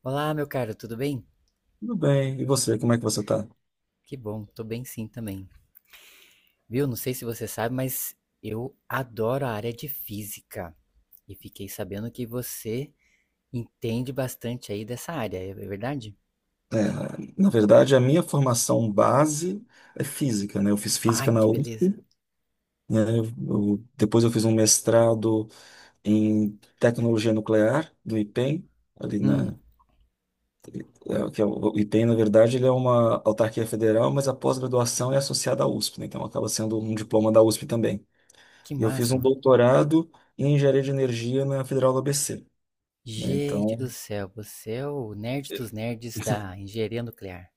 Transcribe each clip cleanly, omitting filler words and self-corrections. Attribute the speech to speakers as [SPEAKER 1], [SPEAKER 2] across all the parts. [SPEAKER 1] Olá, meu caro, tudo bem?
[SPEAKER 2] Tudo bem. E você, como é que você está?
[SPEAKER 1] Que bom, tô bem sim também. Viu? Não sei se você sabe, mas eu adoro a área de física. E fiquei sabendo que você entende bastante aí dessa área, é verdade?
[SPEAKER 2] Na verdade, a minha formação base é física, né? Eu fiz
[SPEAKER 1] Ai,
[SPEAKER 2] física na
[SPEAKER 1] que
[SPEAKER 2] USP,
[SPEAKER 1] beleza.
[SPEAKER 2] né? Depois eu fiz um mestrado em tecnologia nuclear do IPEM, ali
[SPEAKER 1] Hum,
[SPEAKER 2] na, que é o IPEM, na verdade, ele é uma autarquia federal, mas a pós-graduação é associada à USP, né? Então acaba sendo um diploma da USP também.
[SPEAKER 1] que
[SPEAKER 2] E eu fiz um
[SPEAKER 1] máxima.
[SPEAKER 2] doutorado em engenharia de energia na Federal do ABC, né?
[SPEAKER 1] Gente do
[SPEAKER 2] Então.
[SPEAKER 1] céu, você é o nerd dos nerds da engenharia nuclear.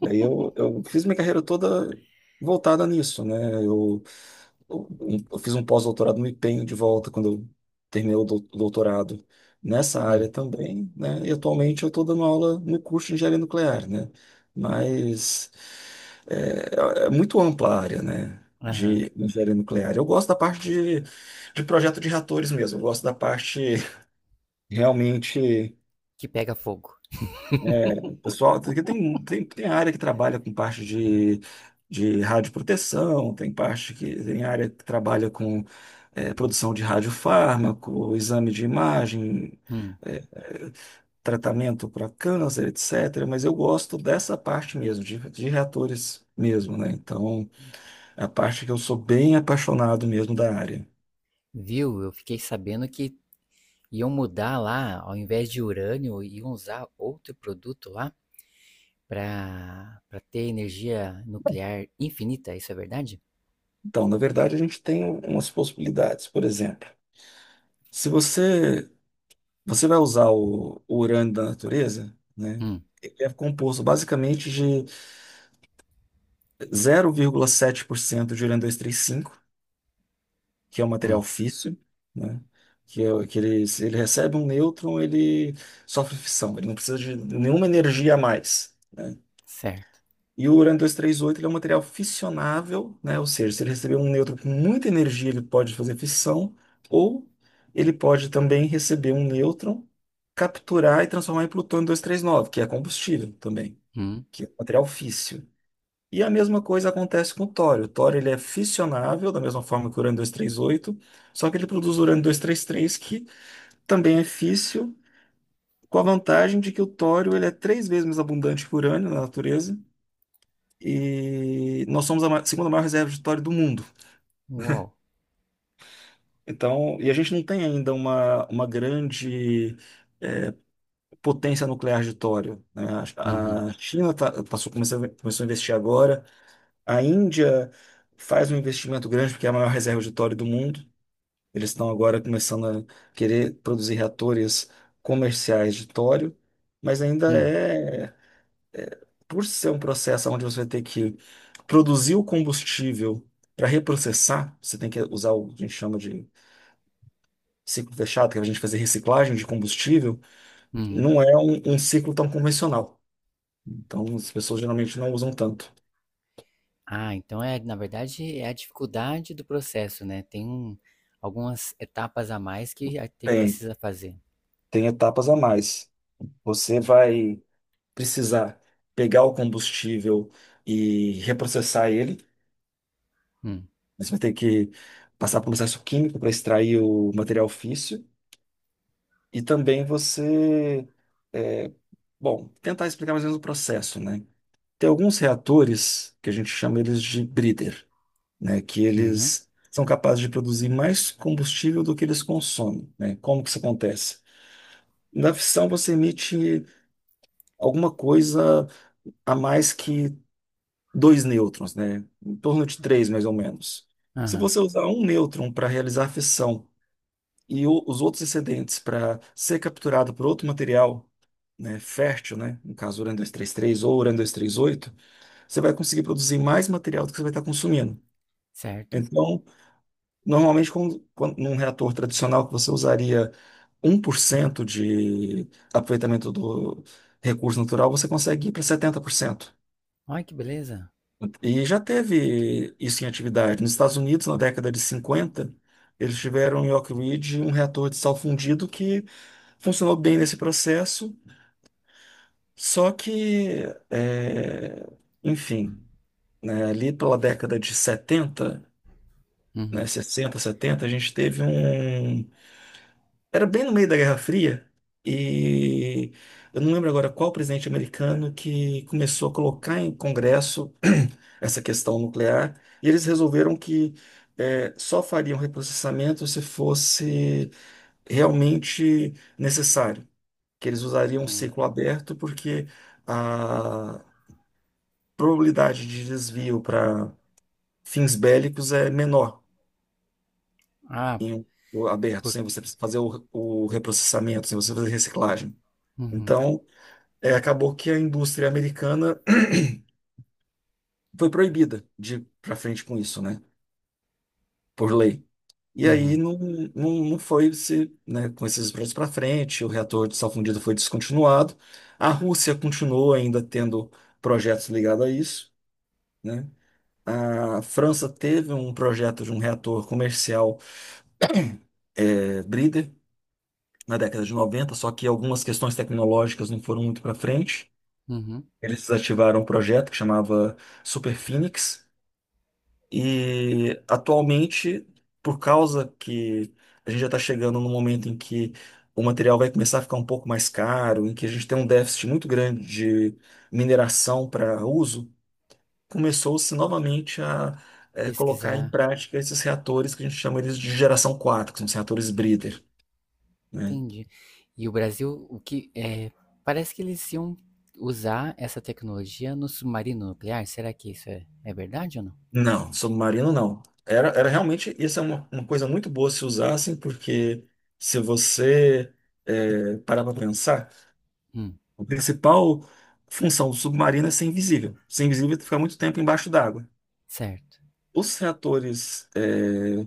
[SPEAKER 2] E aí eu fiz minha carreira toda voltada nisso, né? Eu, eu, eu fiz um pós-doutorado no empenho de volta quando eu terminei o doutorado nessa área
[SPEAKER 1] Hum,
[SPEAKER 2] também, né? E atualmente eu estou dando aula no curso de engenharia nuclear, né? Mas é muito ampla a área, né?
[SPEAKER 1] aham.
[SPEAKER 2] De engenharia nuclear. Eu gosto da parte de projeto de reatores mesmo, eu gosto da parte realmente.
[SPEAKER 1] Que pega fogo.
[SPEAKER 2] É, pessoal, tem área que trabalha com parte de radioproteção, tem parte que tem área que trabalha com produção de radiofármaco, exame de imagem,
[SPEAKER 1] Hum,
[SPEAKER 2] é, é, tratamento para câncer, etc. Mas eu gosto dessa parte mesmo, de reatores mesmo, né? Então, é a parte que eu sou bem apaixonado mesmo da área.
[SPEAKER 1] Viu? Eu fiquei sabendo que iam mudar lá, ao invés de urânio, iam usar outro produto lá, para pra ter energia nuclear infinita, isso é verdade?
[SPEAKER 2] Então, na verdade, a gente tem umas possibilidades, por exemplo. Se você Você vai usar o urânio da natureza, né?
[SPEAKER 1] Hum,
[SPEAKER 2] Ele é composto basicamente de 0,7% de urânio-235, que é um material
[SPEAKER 1] hum,
[SPEAKER 2] físsil, né? Que, é, que ele, se ele recebe um nêutron, ele sofre fissão, ele não precisa de nenhuma energia a mais, né?
[SPEAKER 1] certo.
[SPEAKER 2] E o urânio 238 ele é um material fissionável, né? Ou seja, se ele receber um nêutron com muita energia, ele pode fazer fissão, ou ele pode também receber um nêutron, capturar e transformar em plutônio 239, que é combustível também,
[SPEAKER 1] Hum,
[SPEAKER 2] que é um material físsil. E a mesma coisa acontece com o tório. O tório ele é fissionável, da mesma forma que o urânio 238, só que ele produz o urânio 233, que também é físsil, com a vantagem de que o tório ele é três vezes mais abundante que o urânio na natureza, e nós somos a segunda maior reserva de petróleo do mundo.
[SPEAKER 1] uau.
[SPEAKER 2] Então, e a gente não tem ainda uma grande potência nuclear de tório, né?
[SPEAKER 1] Uhum,
[SPEAKER 2] A China tá, passou, começou a investir agora. A Índia faz um investimento grande porque é a maior reserva de tório do mundo. Eles estão agora começando a querer produzir reatores comerciais de tório, mas ainda
[SPEAKER 1] hum,
[SPEAKER 2] é, por ser um processo onde você tem que produzir o combustível para reprocessar, você tem que usar o que a gente chama de ciclo fechado, que é a gente fazer reciclagem de combustível,
[SPEAKER 1] uhum.
[SPEAKER 2] não é um ciclo tão convencional. Então, as pessoas geralmente não usam tanto.
[SPEAKER 1] Ah, então é, na verdade, é a dificuldade do processo, né? Tem algumas etapas a mais que a te
[SPEAKER 2] Tem,
[SPEAKER 1] precisa fazer.
[SPEAKER 2] tem etapas a mais. Você vai precisar pegar o combustível e reprocessar ele.
[SPEAKER 1] Hum,
[SPEAKER 2] Você vai ter que passar por um processo químico para extrair o material físsil. E também você eh, Bom, tentar explicar mais ou menos o processo, né? Tem alguns reatores que a gente chama eles de breeder, né? Que
[SPEAKER 1] uhum,
[SPEAKER 2] eles são capazes de produzir mais combustível do que eles consomem, né? Como que isso acontece? Na fissão você emite alguma coisa a mais que dois nêutrons, né? Em torno de três, mais ou menos. Se
[SPEAKER 1] aham,
[SPEAKER 2] você usar um nêutron para realizar a fissão e os outros excedentes para ser capturado por outro material, né, fértil, né? No caso, urânio-233 ou urânio-238, você vai conseguir produzir mais material do que você vai estar consumindo.
[SPEAKER 1] certo.
[SPEAKER 2] Então, normalmente, num reator tradicional, que você usaria 1% de aproveitamento do recurso natural, você consegue ir para 70%.
[SPEAKER 1] Olha que beleza.
[SPEAKER 2] E já teve isso em atividade. Nos Estados Unidos, na década de 50, eles tiveram em Oak Ridge um reator de sal fundido que funcionou bem nesse processo, só que, é, enfim, né, ali pela década de 70, né,
[SPEAKER 1] Uhum,
[SPEAKER 2] sessenta, setenta, a gente teve um. Era bem no meio da Guerra Fria, e eu não lembro agora qual presidente americano que começou a colocar em Congresso essa questão nuclear, e eles resolveram que só fariam reprocessamento se fosse realmente necessário, que eles usariam um
[SPEAKER 1] hum.
[SPEAKER 2] ciclo aberto, porque a probabilidade de desvio para fins bélicos é menor.
[SPEAKER 1] Ah,
[SPEAKER 2] Em o aberto,
[SPEAKER 1] por,
[SPEAKER 2] sem você fazer o reprocessamento, sem você fazer reciclagem.
[SPEAKER 1] uhum,
[SPEAKER 2] Então, é, acabou que a indústria americana foi proibida de ir para frente com isso, né? Por lei. E aí
[SPEAKER 1] uhum,
[SPEAKER 2] não, não, não foi se, né, com esses projetos para frente, o reator de sal fundido foi descontinuado. A Rússia continuou ainda tendo projetos ligados a isso, né? A França teve um projeto de um reator comercial é, na década de 90, só que algumas questões tecnológicas não foram muito para frente.
[SPEAKER 1] uhum.
[SPEAKER 2] Eles desativaram um projeto que chamava Super Phoenix, e atualmente, por causa que a gente já está chegando no momento em que o material vai começar a ficar um pouco mais caro, em que a gente tem um déficit muito grande de mineração para uso, começou-se novamente a colocar em
[SPEAKER 1] Pesquisar.
[SPEAKER 2] prática esses reatores que a gente chama eles de geração 4, que são os reatores Breeder, né?
[SPEAKER 1] Entendi. E o Brasil, o que é, parece que eles iam usar essa tecnologia no submarino nuclear. Será que isso é verdade ou não?
[SPEAKER 2] Não, submarino não. Era, era realmente, isso é uma coisa muito boa se usassem, porque, se você parar para pensar,
[SPEAKER 1] Hum,
[SPEAKER 2] a principal função do submarino é ser invisível. Ser invisível é ficar muito tempo embaixo d'água.
[SPEAKER 1] certo.
[SPEAKER 2] Os reatores, é,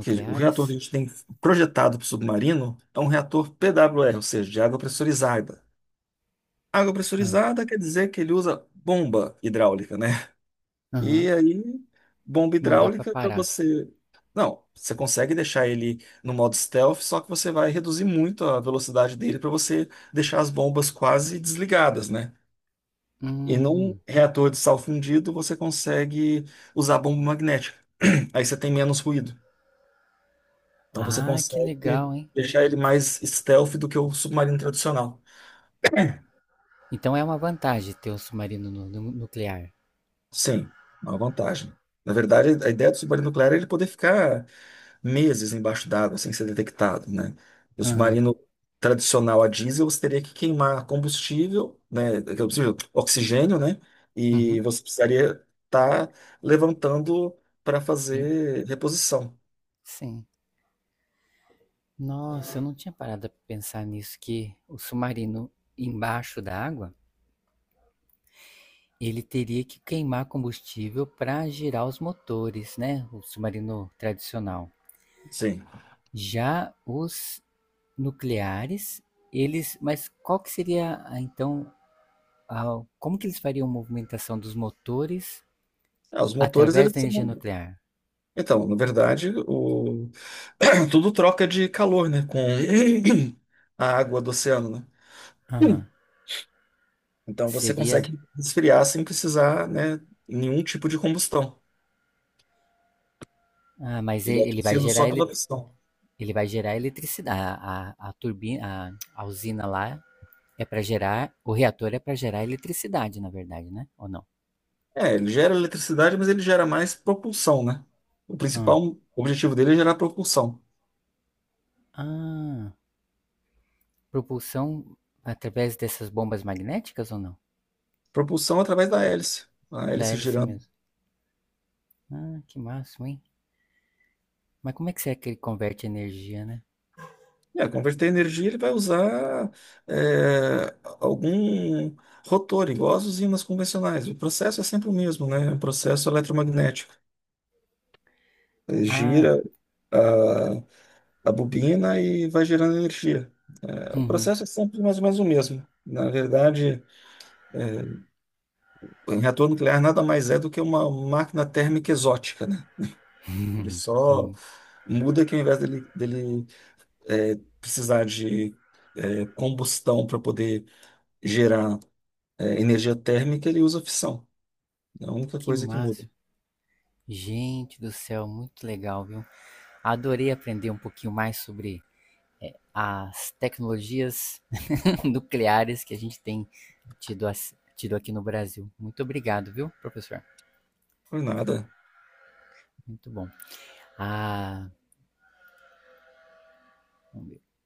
[SPEAKER 2] que- o reator que a gente tem projetado para o submarino é um reator PWR, ou seja, de água pressurizada. Água
[SPEAKER 1] Ah,
[SPEAKER 2] pressurizada quer dizer que ele usa bomba hidráulica, né?
[SPEAKER 1] aham.
[SPEAKER 2] E aí, bomba
[SPEAKER 1] Não dá pra
[SPEAKER 2] hidráulica para
[SPEAKER 1] parar.
[SPEAKER 2] você. Não, você consegue deixar ele no modo stealth, só que você vai reduzir muito a velocidade dele para você deixar as bombas quase desligadas, né? E num
[SPEAKER 1] Hum.
[SPEAKER 2] reator de sal fundido, você consegue usar bomba magnética. Aí você tem menos ruído. Então você
[SPEAKER 1] Ah, que legal,
[SPEAKER 2] consegue
[SPEAKER 1] hein?
[SPEAKER 2] deixar ele mais stealth do que o submarino tradicional.
[SPEAKER 1] Então é uma vantagem ter um submarino nuclear.
[SPEAKER 2] Sim, é uma vantagem. Na verdade, a ideia do submarino nuclear é ele poder ficar meses embaixo d'água sem ser detectado, né? O
[SPEAKER 1] Aham.
[SPEAKER 2] submarino tradicional a diesel, você teria que queimar combustível, né? Aquele combustível, oxigênio, né?
[SPEAKER 1] Uhum.
[SPEAKER 2] E você precisaria estar levantando para
[SPEAKER 1] E-
[SPEAKER 2] fazer reposição.
[SPEAKER 1] Sim. Nossa, eu não tinha parado pra pensar nisso, que o submarino embaixo da água, ele teria que queimar combustível para girar os motores, né? O submarino tradicional.
[SPEAKER 2] Sim.
[SPEAKER 1] Já os nucleares, eles. Mas qual que seria ah, então, como que eles fariam a movimentação dos motores
[SPEAKER 2] Ah, os motores,
[SPEAKER 1] através
[SPEAKER 2] eles
[SPEAKER 1] da
[SPEAKER 2] são...
[SPEAKER 1] energia nuclear?
[SPEAKER 2] Então, na verdade, o... tudo troca de calor, né? Com a água do oceano, né?
[SPEAKER 1] Aham.
[SPEAKER 2] Então você
[SPEAKER 1] Seria.
[SPEAKER 2] consegue esfriar sem precisar, né, nenhum tipo de combustão.
[SPEAKER 1] Ah, mas
[SPEAKER 2] Ele é aquecido só pela pistão.
[SPEAKER 1] ele vai gerar eletricidade. A turbina, a usina lá é para gerar. O reator é para gerar eletricidade, na verdade, né? Ou não?
[SPEAKER 2] É, ele gera eletricidade, mas ele gera mais propulsão, né? O
[SPEAKER 1] Ah.
[SPEAKER 2] principal objetivo dele é gerar propulsão.
[SPEAKER 1] Ah. Propulsão através dessas bombas magnéticas ou não?
[SPEAKER 2] Propulsão através da hélice. A
[SPEAKER 1] Da
[SPEAKER 2] hélice
[SPEAKER 1] hélice
[SPEAKER 2] girando.
[SPEAKER 1] mesmo. Ah, que máximo, hein? Mas como é que será que ele converte energia, né?
[SPEAKER 2] É, converter energia, ele vai usar algum rotor, igual as usinas convencionais. O processo é sempre o mesmo, né? O processo eletromagnético. Ele
[SPEAKER 1] Ah,
[SPEAKER 2] gira ah, a bobina e vai gerando energia. É, o
[SPEAKER 1] uhum.
[SPEAKER 2] processo é sempre mais ou menos o mesmo. Na verdade, o reator nuclear nada mais é do que uma máquina térmica exótica, né? Ele só
[SPEAKER 1] Hum,
[SPEAKER 2] muda que ao invés dele precisar de combustão para poder gerar energia térmica, ele usa fissão. É a única
[SPEAKER 1] que
[SPEAKER 2] coisa que muda.
[SPEAKER 1] máximo. Gente do céu, muito legal, viu? Adorei aprender um pouquinho mais sobre as tecnologias nucleares que a gente tem tido, tido, aqui no Brasil. Muito obrigado, viu, professor?
[SPEAKER 2] Por nada.
[SPEAKER 1] Muito bom. Ah,